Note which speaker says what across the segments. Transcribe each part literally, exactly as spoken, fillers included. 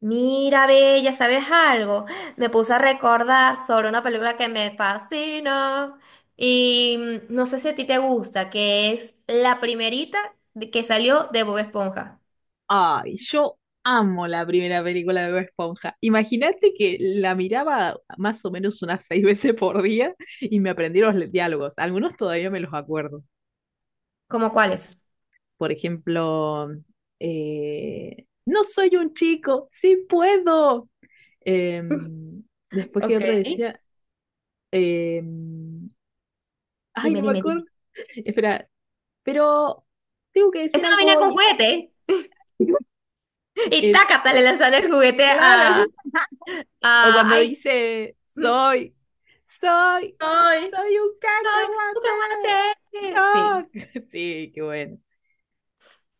Speaker 1: Mira, Bella, ¿sabes algo? Me puse a recordar sobre una película que me fascina y mm, no sé si a ti te gusta, que es la primerita de- que salió de Bob Esponja.
Speaker 2: Ay, yo amo la primera película de Bob Esponja. Imagínate que la miraba más o menos unas seis veces por día y me aprendí los le- diálogos. Algunos todavía me los acuerdo.
Speaker 1: ¿Cómo cuál es?
Speaker 2: Por ejemplo, eh, no soy un chico, sí puedo. Em, Después que
Speaker 1: Ok.
Speaker 2: otra decía, em, ay,
Speaker 1: Dime,
Speaker 2: no me
Speaker 1: dime,
Speaker 2: acuerdo.
Speaker 1: dime.
Speaker 2: Espera, pero tengo que decir
Speaker 1: Esa no
Speaker 2: algo
Speaker 1: venía con
Speaker 2: hoy.
Speaker 1: juguete y
Speaker 2: Es
Speaker 1: tácata le lanzan el juguete
Speaker 2: Clara.
Speaker 1: a...
Speaker 2: O
Speaker 1: a
Speaker 2: cuando
Speaker 1: ay,
Speaker 2: dice,
Speaker 1: mm,
Speaker 2: soy, soy,
Speaker 1: ay,
Speaker 2: soy un
Speaker 1: ay, nunca
Speaker 2: cacahuate.
Speaker 1: juguete. Sí.
Speaker 2: Rock. Sí, qué bueno.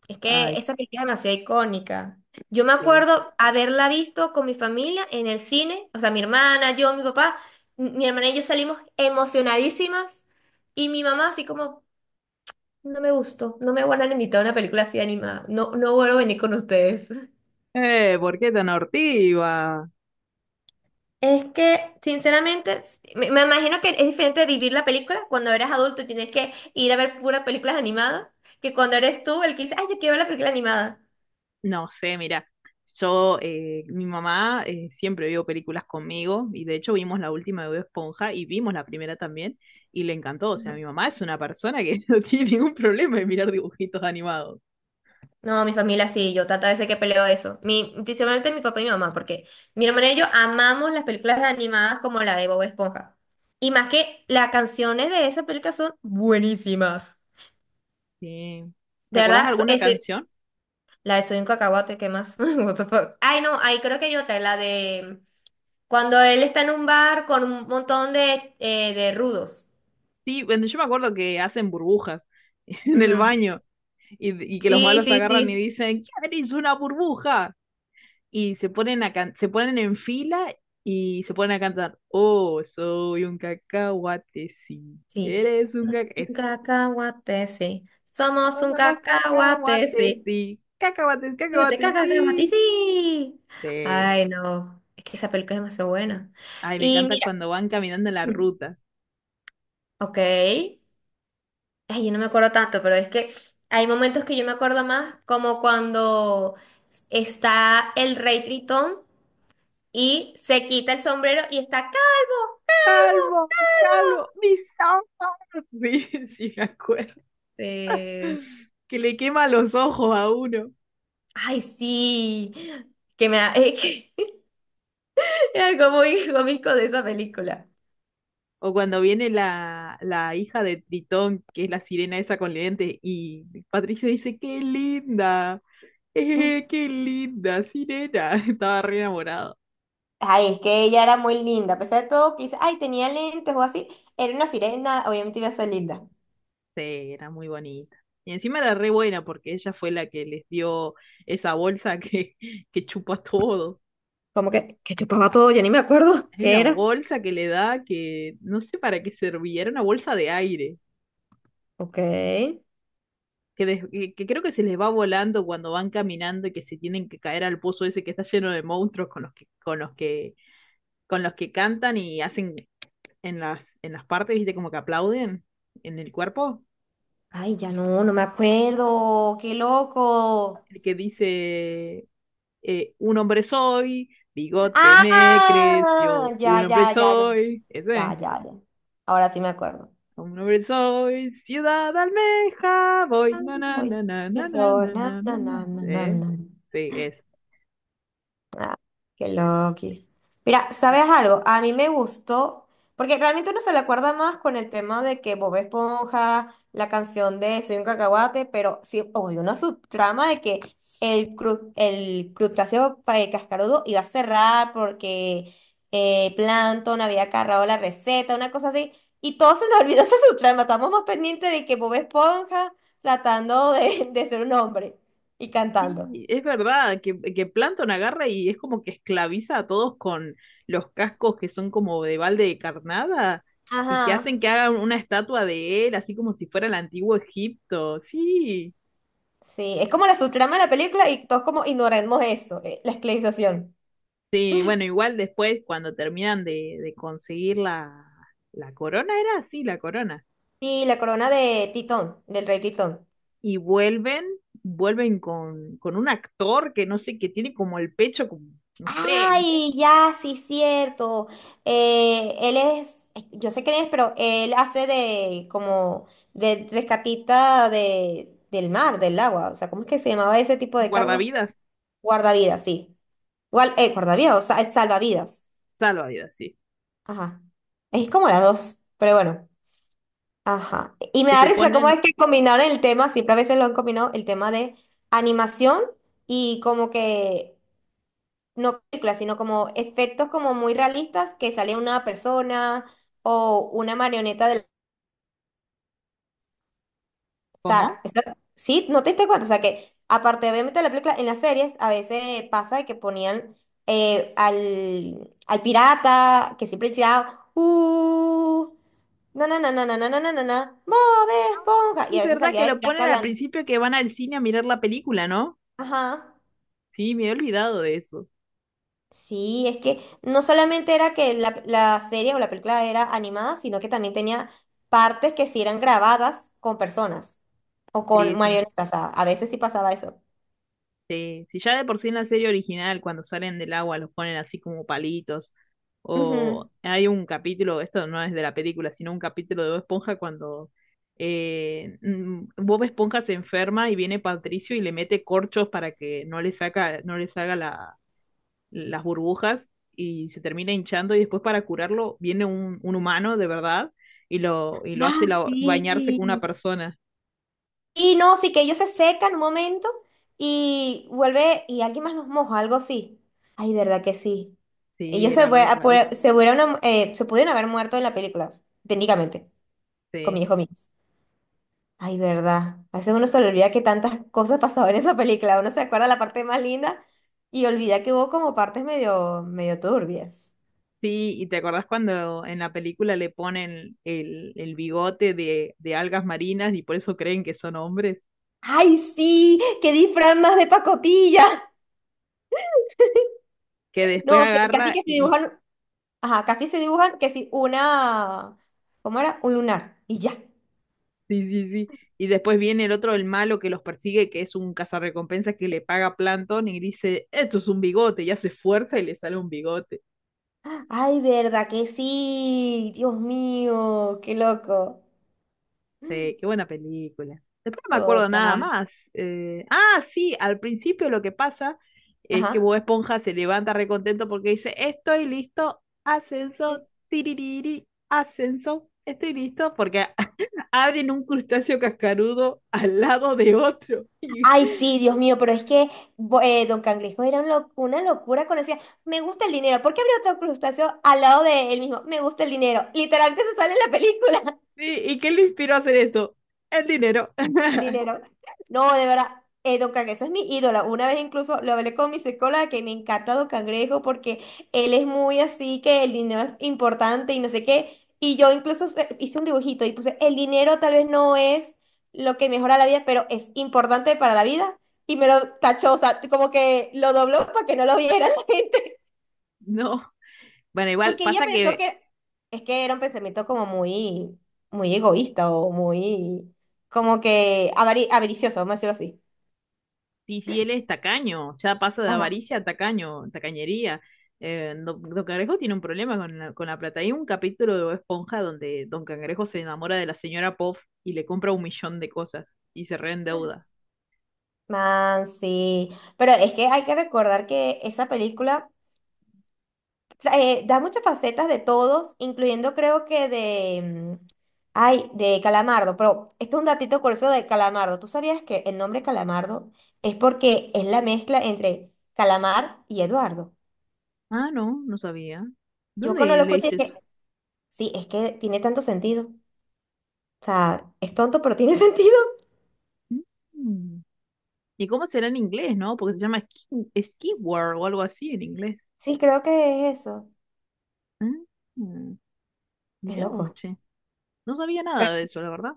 Speaker 1: Es que
Speaker 2: Ay,
Speaker 1: esa película es demasiado icónica. Yo me
Speaker 2: sí.
Speaker 1: acuerdo haberla visto con mi familia en el cine, o sea, mi hermana, yo, mi papá, m- mi hermana y yo salimos emocionadísimas y mi mamá así como, no me gustó, no me vuelvan a invitar a una película así animada, no, no vuelvo a venir con ustedes.
Speaker 2: Eh, ¿por qué tan hortiva?
Speaker 1: Es que, sinceramente, s- me, me imagino que es diferente de vivir la película cuando eres adulto y tienes que ir a ver puras películas animadas que cuando eres tú el que dice, ay, yo quiero ver la película animada.
Speaker 2: No sé, mira, yo, eh, mi mamá eh, siempre vio películas conmigo y de hecho vimos la última de Bob Esponja y vimos la primera también y le encantó. O sea, mi mamá es una persona que no tiene ningún problema en mirar dibujitos animados.
Speaker 1: No, mi familia sí, yo tata veces que peleo eso. Mi, principalmente mi papá y mi mamá, porque mi hermana y yo amamos las películas animadas como la de Bob Esponja. Y más que las canciones de esa película son buenísimas.
Speaker 2: Sí. ¿Te
Speaker 1: De
Speaker 2: acordás de
Speaker 1: verdad, so-
Speaker 2: alguna
Speaker 1: ese-
Speaker 2: canción?
Speaker 1: la de Soy un cacahuate, ¿qué más? What the fuck? Ay, no, ahí creo que hay otra, la de cuando él está en un bar con un montón de, eh, de rudos.
Speaker 2: Sí, bueno, yo me acuerdo que hacen burbujas en el
Speaker 1: Ujú.
Speaker 2: baño y, y que los
Speaker 1: Sí,
Speaker 2: malos
Speaker 1: sí,
Speaker 2: agarran y
Speaker 1: sí.
Speaker 2: dicen, ¿quién hizo una burbuja? Y se ponen, a can- se ponen en fila y se ponen a cantar, oh, soy un cacahuate, sí.
Speaker 1: Sí.
Speaker 2: Eres un
Speaker 1: Soy un
Speaker 2: cacahuate.
Speaker 1: cacahuate, sí. Somos un
Speaker 2: Somos
Speaker 1: cacahuate,
Speaker 2: cacahuates,
Speaker 1: sí.
Speaker 2: sí. Cacahuates,
Speaker 1: Pero te
Speaker 2: cacahuates,
Speaker 1: cagas de ti,
Speaker 2: sí.
Speaker 1: sí.
Speaker 2: Sí.
Speaker 1: Ay, no. Es que esa película es demasiado buena.
Speaker 2: Ay, me
Speaker 1: Y
Speaker 2: encanta
Speaker 1: mira,
Speaker 2: cuando van caminando en la ruta.
Speaker 1: ok. Ay, yo no me acuerdo tanto, pero es que hay momentos que yo me acuerdo más, como cuando está el rey Tritón y se quita el sombrero y está calvo.
Speaker 2: Calvo, calvo, mis ojos. Sí, sí, me acuerdo.
Speaker 1: Sí.
Speaker 2: Que le quema los ojos a uno.
Speaker 1: Ay, sí. Que me da- es que es algo muy cómico de esa película.
Speaker 2: O cuando viene la, la hija de Tritón, que es la sirena esa con lentes, y Patricio dice, ¡qué linda! Eh, ¡Qué linda, sirena! Estaba re enamorado.
Speaker 1: Ay, es que ella era muy linda, a pesar de todo, quizás, ay, tenía lentes o así, era una sirena, obviamente iba a ser linda.
Speaker 2: Sí, era muy bonita. Y encima era re buena porque ella fue la que les dio esa bolsa que, que chupa todo.
Speaker 1: Como que, que chupaba todo, ya ni me acuerdo
Speaker 2: Hay
Speaker 1: qué
Speaker 2: una
Speaker 1: era.
Speaker 2: bolsa que le da que no sé para qué servía, era una bolsa de aire.
Speaker 1: Ok.
Speaker 2: Que, des- que- que creo que se les va volando cuando van caminando y que se tienen que caer al pozo ese que está lleno de monstruos con los que, con los que, con los que cantan y hacen en las, en las partes, viste, como que aplauden en el cuerpo,
Speaker 1: Ay, ya no, no me acuerdo, qué loco.
Speaker 2: el que dice, eh, un hombre soy, bigote
Speaker 1: Ah,
Speaker 2: me creció,
Speaker 1: ya,
Speaker 2: un hombre
Speaker 1: ya, ya, ya,
Speaker 2: soy,
Speaker 1: ya,
Speaker 2: ese.
Speaker 1: ya, ya. Ahora sí me acuerdo.
Speaker 2: Un hombre soy, ciudad almeja, voy, na na
Speaker 1: Ay,
Speaker 2: na na na na na
Speaker 1: Persona,
Speaker 2: na
Speaker 1: na, na,
Speaker 2: na.
Speaker 1: na, na, na,
Speaker 2: Eh,
Speaker 1: na.
Speaker 2: Sí,
Speaker 1: Ah, qué loquis. Mira, ¿sabes algo? A mí me gustó, porque realmente uno se le acuerda más con el tema de que Bob Esponja, la canción de Soy un cacahuate, pero sí, obvio, una subtrama de que el, cru- el crustáceo pa- eh, cascarudo iba a cerrar porque eh, Plankton había cargado la receta, una cosa así, y todos se nos olvidó esa subtrama, estamos más pendientes de que Bob Esponja tratando de, de ser un hombre y cantando.
Speaker 2: Sí, es verdad que, que Plankton agarra y es como que esclaviza a todos con los cascos que son como de balde de carnada y que hacen
Speaker 1: Ajá.
Speaker 2: que hagan una estatua de él, así como si fuera el antiguo Egipto. Sí,
Speaker 1: Sí, es como la subtrama de la película y todos como ignoremos eso, eh, la esclavización.
Speaker 2: sí, bueno, igual después cuando terminan de, de conseguir la, la corona, era así, la corona.
Speaker 1: Y la corona de Titón, del rey Titón.
Speaker 2: Y vuelven, vuelven con, con un actor que no sé, que tiene como el pecho, como, no sé,
Speaker 1: Ay, ya, sí, cierto. Eh, él es, ay, yo sé quién es, pero él hace de como de rescatista de, del mar, del agua. O sea, ¿cómo es que se llamaba ese tipo de cargo?
Speaker 2: guardavidas,
Speaker 1: Guardavidas, sí. Guar- eh, guardavidas, o sea, es salvavidas.
Speaker 2: salvavidas, sí,
Speaker 1: Ajá. Es como las dos, pero bueno. Ajá. Y me
Speaker 2: que
Speaker 1: da
Speaker 2: se
Speaker 1: risa cómo es
Speaker 2: ponen,
Speaker 1: que combinaron el tema, siempre a veces lo han combinado, el tema de animación y como que, no películas, sino como efectos como muy realistas que sale una persona o una marioneta del... O
Speaker 2: ¿cómo?
Speaker 1: sea, eso- sí, no te diste cuenta, o sea que aparte obviamente de la película, en las series a veces pasa de que ponían eh, al, al pirata que siempre decía, uh, no, no, no, no, no, no, no, no, no, no, Bob
Speaker 2: Ah,
Speaker 1: Esponja, y
Speaker 2: es
Speaker 1: a veces
Speaker 2: verdad que
Speaker 1: salía el
Speaker 2: lo
Speaker 1: pirata
Speaker 2: ponen al
Speaker 1: hablando.
Speaker 2: principio que van al cine a mirar la película, ¿no?
Speaker 1: Ajá.
Speaker 2: Sí, me he olvidado de eso.
Speaker 1: Sí, es que no solamente era que la, la serie o la película era animada, sino que también tenía partes que sí eran grabadas con personas o
Speaker 2: Sí,
Speaker 1: con
Speaker 2: sí,
Speaker 1: marionetas. A, a veces sí pasaba eso.
Speaker 2: sí. Si ya de por sí en la serie original, cuando salen del agua, los ponen así como palitos. O
Speaker 1: Ujú.
Speaker 2: hay un capítulo, esto no es de la película, sino un capítulo de Bob Esponja cuando eh, mm, Bob Esponja se enferma y viene Patricio y le mete corchos para que no le saca, no le salga la, las burbujas y se termina hinchando y después para curarlo viene un, un humano de verdad y lo, y lo hace
Speaker 1: Ah,
Speaker 2: la- bañarse con una
Speaker 1: sí.
Speaker 2: persona.
Speaker 1: Y no, sí que ellos se secan un momento y vuelve y alguien más los moja, algo así. Ay, ¿verdad que sí?
Speaker 2: Sí,
Speaker 1: Ellos se,
Speaker 2: era
Speaker 1: fue-
Speaker 2: re realista.
Speaker 1: se, pudieron eh, se pudieron haber muerto en la película, técnicamente, con mi
Speaker 2: Sí.
Speaker 1: hijo mío. Ay, verdad. A veces uno se le olvida que tantas cosas pasaban en esa película. Uno se acuerda la parte más linda y olvida que hubo como partes medio, medio turbias.
Speaker 2: Sí, y te acordás cuando en la película le ponen el, el bigote de, de algas marinas y por eso creen que son hombres,
Speaker 1: ¡Ay, sí! ¡Qué disfraz más de pacotilla!
Speaker 2: que después
Speaker 1: No, que- casi
Speaker 2: agarra
Speaker 1: que se
Speaker 2: y, y-
Speaker 1: dibujan, ajá, casi se dibujan que sí, una, ¿cómo era? Un lunar y ya.
Speaker 2: sí, sí, sí, y después viene el otro, el malo que los persigue, que es un cazarrecompensa que le paga Plankton y dice, esto es un bigote, y hace fuerza y le sale un bigote.
Speaker 1: ¡Ay, verdad que sí! Dios mío, qué loco.
Speaker 2: Sí, qué buena película. Después no me acuerdo nada
Speaker 1: Total.
Speaker 2: más. Eh, ah, sí, al principio lo que pasa es que
Speaker 1: Ajá.
Speaker 2: Bob Esponja se levanta recontento porque dice, estoy listo, ascenso, tiririri, ascenso, estoy listo, porque abren un crustáceo cascarudo al lado de otro. ¿Y, sí,
Speaker 1: Ay, sí, Dios mío, pero es que bo- eh, Don Cangrejo era un lo- una locura cuando decía, me gusta el dinero. ¿Por qué habría otro crustáceo al lado de él mismo? Me gusta el dinero. Literalmente se sale en la película.
Speaker 2: y qué le inspiró a hacer esto? El dinero.
Speaker 1: El dinero. No, de verdad, eh, Don Cangrejo es mi ídolo. Una vez incluso lo hablé con mi psicóloga que me encanta Don Cangrejo porque él es muy así que el dinero es importante y no sé qué. Y yo incluso se- hice un dibujito y puse, el dinero tal vez no es lo que mejora la vida, pero es importante para la vida. Y me lo tachó, o sea, como que lo dobló para que no lo viera la gente.
Speaker 2: No. Bueno, igual
Speaker 1: Porque ella
Speaker 2: pasa
Speaker 1: pensó
Speaker 2: que
Speaker 1: que, es que era un pensamiento como muy, muy egoísta o muy, como que avari- avaricioso, vamos a decirlo así.
Speaker 2: sí, sí, él es tacaño, ya pasa de
Speaker 1: Ajá.
Speaker 2: avaricia a tacaño, tacañería. Eh, Don, Don Cangrejo tiene un problema con la, con la plata. Hay un capítulo de Bob Esponja donde Don Cangrejo se enamora de la señora Pop y le compra un millón de cosas y se reendeuda.
Speaker 1: Man, sí. Pero es que hay que recordar que esa película eh, da muchas facetas de todos, incluyendo creo que de... mm, ay, de Calamardo. Pero esto es un datito curioso de Calamardo. ¿Tú sabías que el nombre Calamardo es porque es la mezcla entre Calamar y Eduardo?
Speaker 2: Ah, no, no sabía.
Speaker 1: Yo cuando
Speaker 2: ¿Dónde
Speaker 1: lo escuché
Speaker 2: leíste eso?
Speaker 1: dije, sí, es que tiene tanto sentido. O sea, es tonto, pero tiene sentido.
Speaker 2: Mm. ¿Y cómo será en inglés, no? Porque se llama Ski, Skiwar o algo así en inglés.
Speaker 1: Sí, creo que es eso.
Speaker 2: Ah, mm.
Speaker 1: Es
Speaker 2: Mirá vos,
Speaker 1: loco.
Speaker 2: che. No sabía nada de eso, la verdad.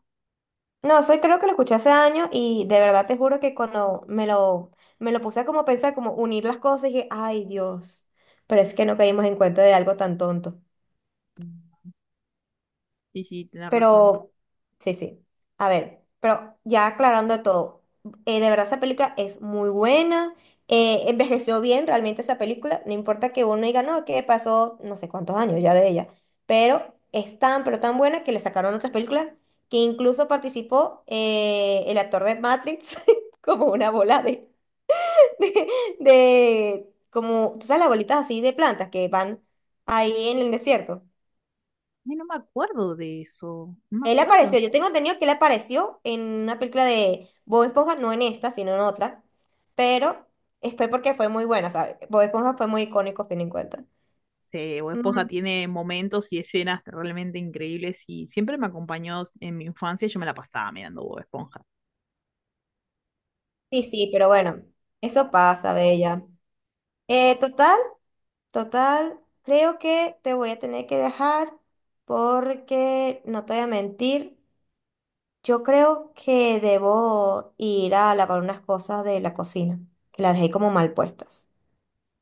Speaker 1: No, soy creo que lo escuché hace años y de verdad te juro que cuando me lo, me lo puse a como pensar, como unir las cosas, dije, ay Dios, pero es que no caímos en cuenta de algo tan tonto.
Speaker 2: Mm. Sí, sí, tenés razón.
Speaker 1: Pero, sí, sí. A ver, pero ya aclarando todo, eh, de verdad esa película es muy buena, eh, envejeció bien realmente esa película, no importa que uno diga, no, que pasó no sé cuántos años ya de ella, pero es tan, pero tan buena que le sacaron otras películas que incluso participó eh, el actor de Matrix como una bola de, de, de- como, tú sabes, las bolitas así de plantas que van ahí en el desierto.
Speaker 2: Ay, no me acuerdo de eso, no me
Speaker 1: Él apareció,
Speaker 2: acuerdo.
Speaker 1: yo tengo entendido que él apareció en una película de Bob Esponja, no en esta, sino en otra, pero es- fue porque fue muy buena, ¿sabes? Bob Esponja fue muy icónico, a fin en cuenta.
Speaker 2: Sí, Bob Esponja
Speaker 1: Mm,
Speaker 2: tiene momentos y escenas realmente increíbles y siempre me acompañó en mi infancia, y yo me la pasaba mirando Bob Esponja.
Speaker 1: sí, sí, pero bueno, eso pasa, Bella. Eh, total, total, creo que te voy a tener que dejar porque, no te voy a mentir, yo creo que debo ir a lavar unas cosas de la cocina, que las dejé como mal puestas.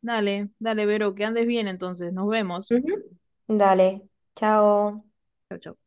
Speaker 2: Dale, dale, Vero, que andes bien entonces, nos vemos.
Speaker 1: Ujú. Dale, chao.
Speaker 2: Chau, chau.